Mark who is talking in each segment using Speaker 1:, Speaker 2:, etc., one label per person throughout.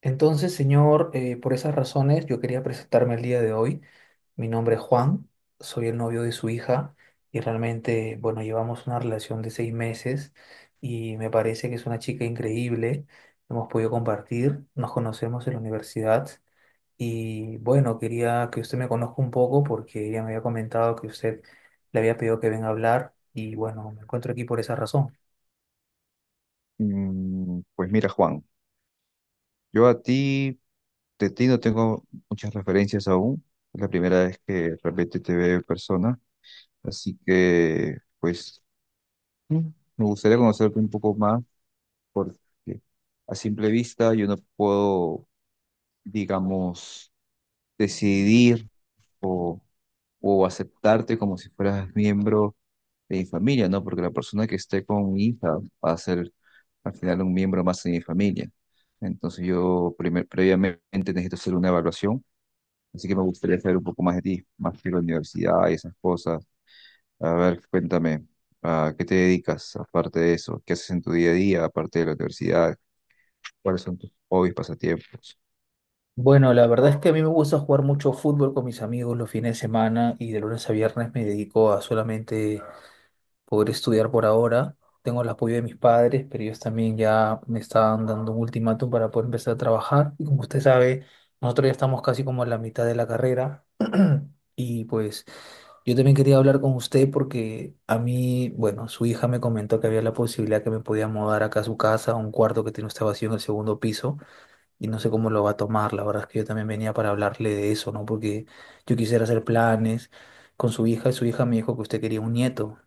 Speaker 1: Entonces, señor, por esas razones yo quería presentarme el día de hoy. Mi nombre es Juan, soy el novio de su hija y realmente, bueno, llevamos una relación de 6 meses y me parece que es una chica increíble. Hemos podido compartir, nos conocemos en la universidad y bueno, quería que usted me conozca un poco porque ella me había comentado que usted le había pedido que venga a hablar y bueno, me encuentro aquí por esa razón.
Speaker 2: Pues mira, Juan, yo a ti, de ti no tengo muchas referencias aún. Es la primera vez que realmente te veo en persona. Así que, pues, mm, me gustaría conocerte un poco más porque a simple vista yo no puedo, digamos, decidir. O aceptarte como si fueras miembro de mi familia, ¿no? Porque la persona que esté con mi hija va a ser al final un miembro más de mi familia. Entonces yo previamente necesito hacer una evaluación, así que me gustaría saber un poco más de ti, más de la universidad y esas cosas. A ver, cuéntame, ¿a qué te dedicas aparte de eso? ¿Qué haces en tu día a día aparte de la universidad? ¿Cuáles son tus hobbies, pasatiempos?
Speaker 1: Bueno, la verdad es que a mí me gusta jugar mucho fútbol con mis amigos los fines de semana y de lunes a viernes me dedico a solamente poder estudiar por ahora. Tengo el apoyo de mis padres, pero ellos también ya me estaban dando un ultimátum para poder empezar a trabajar. Y como usted sabe, nosotros ya estamos casi como en la mitad de la carrera. Y pues yo también quería hablar con usted porque a mí, bueno, su hija me comentó que había la posibilidad que me podía mudar acá a su casa, a un cuarto que tiene usted vacío en el segundo piso y no sé cómo lo va a tomar. La verdad es que yo también venía para hablarle de eso, ¿no? Porque yo quisiera hacer planes con su hija y su hija me dijo que usted quería un nieto.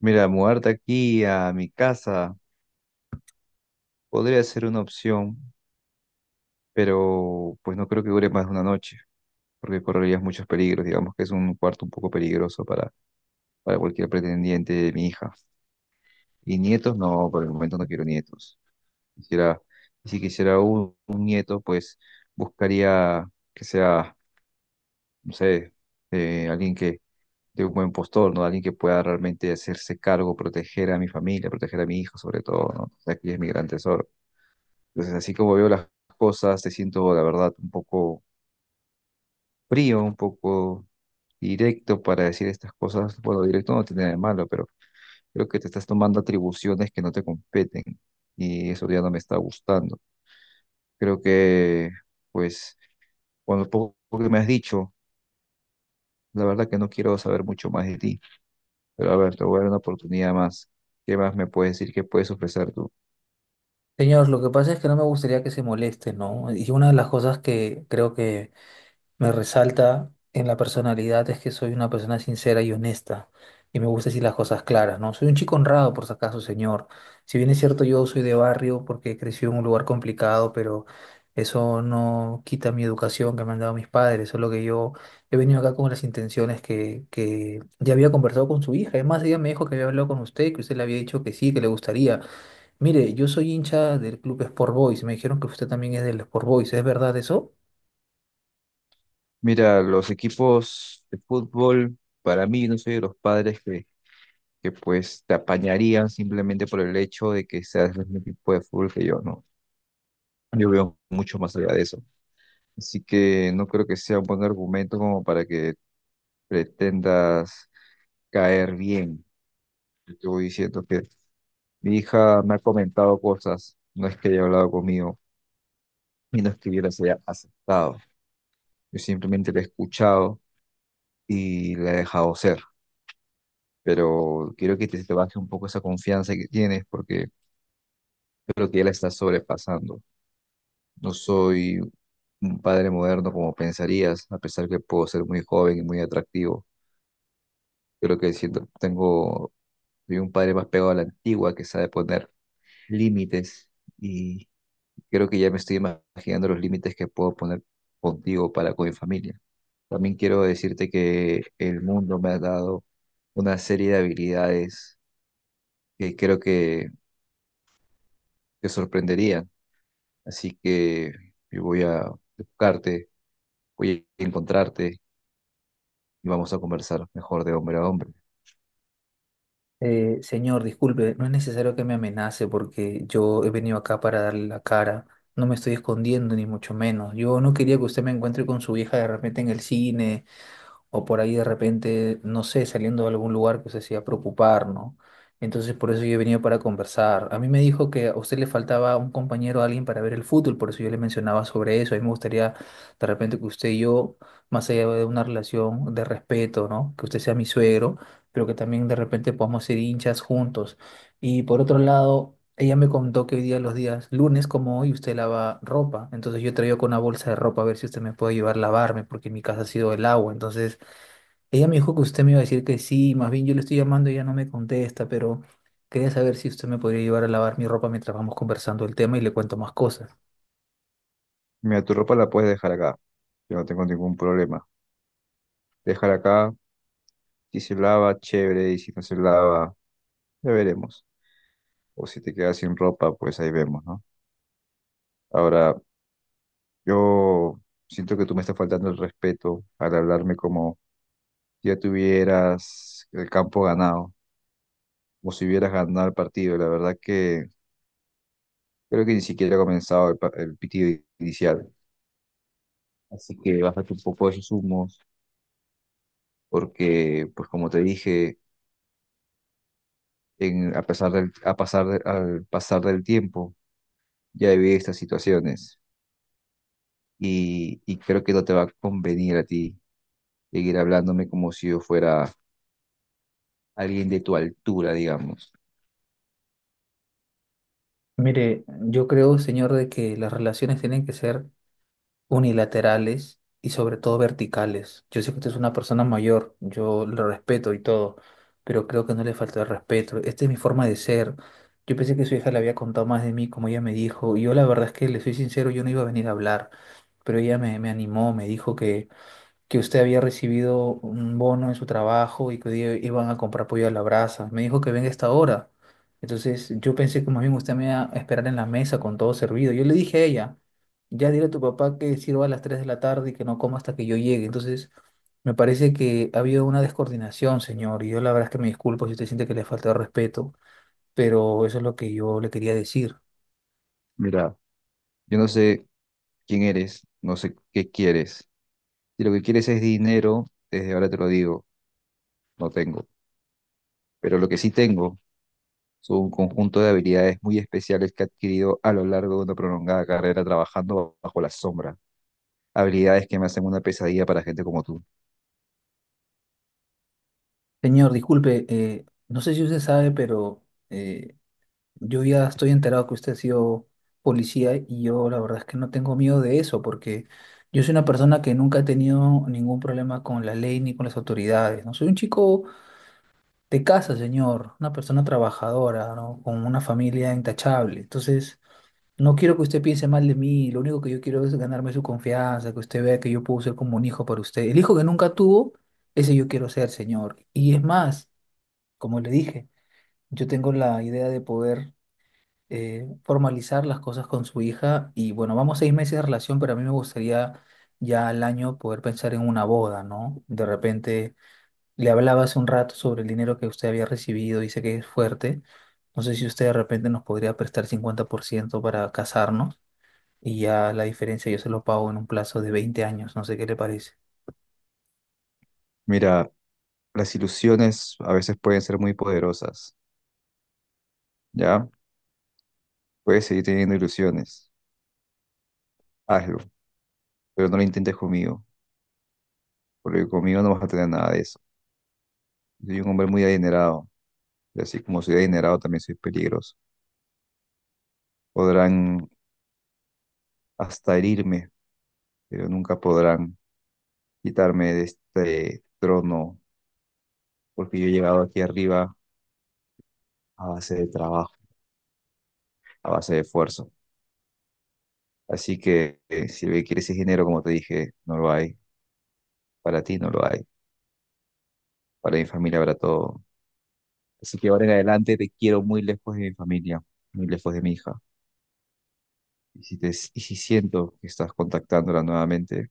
Speaker 2: Mira, mudarte aquí a mi casa podría ser una opción, pero pues no creo que dure más de una noche, porque correrías muchos peligros, digamos que es un cuarto un poco peligroso para cualquier pretendiente de mi hija. Y nietos, no, por el momento no quiero nietos. Quisiera, y si quisiera un nieto, pues buscaría que sea, no sé, alguien que, de un buen postor, ¿no? Alguien que pueda realmente hacerse cargo, proteger a mi familia, proteger a mi hijo sobre todo, ¿no? O sea, aquí es mi gran tesoro. Entonces, así como veo las cosas, te siento, la verdad, un poco frío, un poco directo para decir estas cosas. Bueno, directo no tiene nada de malo, pero creo que te estás tomando atribuciones que no te competen y eso ya no me está gustando. Creo que, pues, con lo poco que me has dicho, la verdad que no quiero saber mucho más de ti, pero a ver, te voy a dar una oportunidad más. ¿Qué más me puedes decir? ¿Qué puedes ofrecer tú?
Speaker 1: Señor, lo que pasa es que no me gustaría que se moleste, ¿no? Y una de las cosas que creo que me resalta en la personalidad es que soy una persona sincera y honesta y me gusta decir las cosas claras, ¿no? Soy un chico honrado, por si acaso, señor. Si bien es cierto, yo soy de barrio porque crecí en un lugar complicado, pero eso no quita mi educación que me han dado mis padres, solo que yo he venido acá con las intenciones que ya había conversado con su hija. Además, ella me dijo que había hablado con usted, que usted le había dicho que sí, que le gustaría. Mire, yo soy hincha del club Sport Boys, me dijeron que usted también es del Sport Boys, ¿es verdad eso?
Speaker 2: Mira, los equipos de fútbol, para mí, no soy de los padres que pues te apañarían simplemente por el hecho de que seas del mismo equipo de fútbol que yo, ¿no? Yo veo mucho más allá de eso. Así que no creo que sea un buen argumento como para que pretendas caer bien. Yo te voy diciendo que mi hija me ha comentado cosas, no es que haya hablado conmigo y no es que yo las haya aceptado. Yo simplemente la he escuchado y la he dejado ser. Pero quiero que te baje un poco esa confianza que tienes porque creo que ya la estás sobrepasando. No soy un padre moderno como pensarías, a pesar que puedo ser muy joven y muy atractivo. Creo que siento, tengo Soy un padre más pegado a la antigua que sabe poner límites y creo que ya me estoy imaginando los límites que puedo poner contigo para con mi familia. También quiero decirte que el mundo me ha dado una serie de habilidades que creo que te sorprenderían. Así que yo voy a buscarte, voy a encontrarte y vamos a conversar mejor de hombre a hombre.
Speaker 1: Señor, disculpe, no es necesario que me amenace porque yo he venido acá para darle la cara. No me estoy escondiendo, ni mucho menos. Yo no quería que usted me encuentre con su hija de repente en el cine o por ahí de repente, no sé, saliendo de algún lugar que se hacía preocupar, ¿no? Entonces por eso yo he venido para conversar. A mí me dijo que a usted le faltaba un compañero, alguien para ver el fútbol, por eso yo le mencionaba sobre eso. A mí me gustaría de repente que usted y yo, más allá de una relación de respeto, ¿no? Que usted sea mi suegro, pero que también de repente podamos ser hinchas juntos. Y por otro lado, ella me contó que hoy día, los días lunes como hoy, usted lava ropa. Entonces yo traigo con una bolsa de ropa a ver si usted me puede ayudar a lavarme, porque en mi casa ha sido el agua. Entonces ella me dijo que usted me iba a decir que sí, más bien yo le estoy llamando y ella no me contesta, pero quería saber si usted me podría llevar a lavar mi ropa mientras vamos conversando el tema y le cuento más cosas.
Speaker 2: Mira, tu ropa la puedes dejar acá. Yo no tengo ningún problema. Déjala acá. Si se lava, chévere, y si no se lava, ya veremos. O si te quedas sin ropa, pues ahí vemos, ¿no? Ahora, yo siento que tú me estás faltando el respeto al hablarme como ya tuvieras el campo ganado, o si hubieras ganado el partido. La verdad que creo que ni siquiera ha comenzado el pitido inicial. Así que bájate un poco de esos humos, porque, pues como te dije, en, a pesar del, a pasar de- al pasar del tiempo, ya viví estas situaciones. Y creo que no te va a convenir a ti seguir hablándome como si yo fuera alguien de tu altura, digamos.
Speaker 1: Mire, yo creo, señor, de que las relaciones tienen que ser unilaterales y sobre todo verticales. Yo sé que usted es una persona mayor, yo lo respeto y todo, pero creo que no le falta el respeto. Esta es mi forma de ser. Yo pensé que su hija le había contado más de mí, como ella me dijo, y yo la verdad es que le soy sincero, yo no iba a venir a hablar, pero ella me animó, me dijo que usted había recibido un bono en su trabajo y que hoy día iban a comprar pollo a la brasa. Me dijo que venga a esta hora. Entonces yo pensé que más bien usted me iba a esperar en la mesa con todo servido. Yo le dije a ella, ya dile a tu papá que sirva a las 3 de la tarde y que no coma hasta que yo llegue. Entonces me parece que ha habido una descoordinación, señor. Y yo la verdad es que me disculpo si usted siente que le falta el respeto, pero eso es lo que yo le quería decir.
Speaker 2: Mira, yo no sé quién eres, no sé qué quieres. Si lo que quieres es dinero, desde ahora te lo digo, no tengo. Pero lo que sí tengo son un conjunto de habilidades muy especiales que he adquirido a lo largo de una prolongada carrera trabajando bajo la sombra. Habilidades que me hacen una pesadilla para gente como tú.
Speaker 1: Señor, disculpe, no sé si usted sabe, pero eh, yo ya estoy enterado que usted ha sido policía y yo la verdad es que no tengo miedo de eso porque yo soy una persona que nunca ha tenido ningún problema con la ley ni con las autoridades, ¿no? Soy un chico de casa, señor, una persona trabajadora, ¿no? Con una familia intachable. Entonces, no quiero que usted piense mal de mí, lo único que yo quiero es ganarme su confianza, que usted vea que yo puedo ser como un hijo para usted. El hijo que nunca tuvo, ese yo quiero ser, señor. Y es más, como le dije, yo tengo la idea de poder formalizar las cosas con su hija y bueno, vamos 6 meses de relación, pero a mí me gustaría ya al año poder pensar en una boda, ¿no? De repente le hablaba hace un rato sobre el dinero que usted había recibido, dice que es fuerte, no sé si usted de repente nos podría prestar 50% para casarnos y ya la diferencia yo se lo pago en un plazo de 20 años, no sé qué le parece.
Speaker 2: Mira, las ilusiones a veces pueden ser muy poderosas, ¿ya? Puedes seguir teniendo ilusiones, hazlo, pero no lo intentes conmigo, porque conmigo no vas a tener nada de eso. Soy un hombre muy adinerado, y así como soy adinerado también soy peligroso. Podrán hasta herirme, pero nunca podrán quitarme de este trono, porque yo he llegado aquí arriba a base de trabajo, a base de esfuerzo. Así que si lo que quieres ese dinero, como te dije, no lo hay. Para ti no lo hay. Para mi familia habrá todo. Así que ahora en adelante te quiero muy lejos de mi familia, muy lejos de mi hija. Y si siento que estás contactándola nuevamente,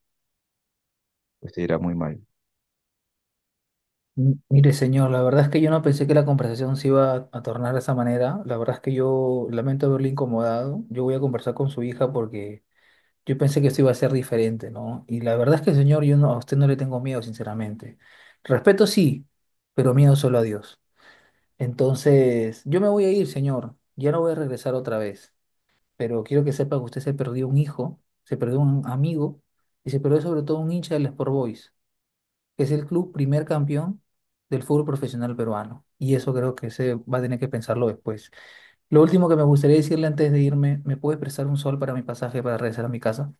Speaker 2: pues te irá muy mal.
Speaker 1: Mire, señor, la verdad es que yo no pensé que la conversación se iba a tornar de esa manera. La verdad es que yo lamento haberle incomodado. Yo voy a conversar con su hija porque yo pensé que esto iba a ser diferente, ¿no? Y la verdad es que, señor, yo no, a usted no le tengo miedo, sinceramente. Respeto sí, pero miedo solo a Dios. Entonces, yo me voy a ir, señor. Ya no voy a regresar otra vez. Pero quiero que sepa que usted se perdió un hijo, se perdió un amigo y se perdió sobre todo un hincha del Sport Boys, que es el club primer campeón del fútbol profesional peruano. Y eso creo que se va a tener que pensarlo después. Lo último que me gustaría decirle antes de irme, ¿me puede prestar 1 sol para mi pasaje para regresar a mi casa?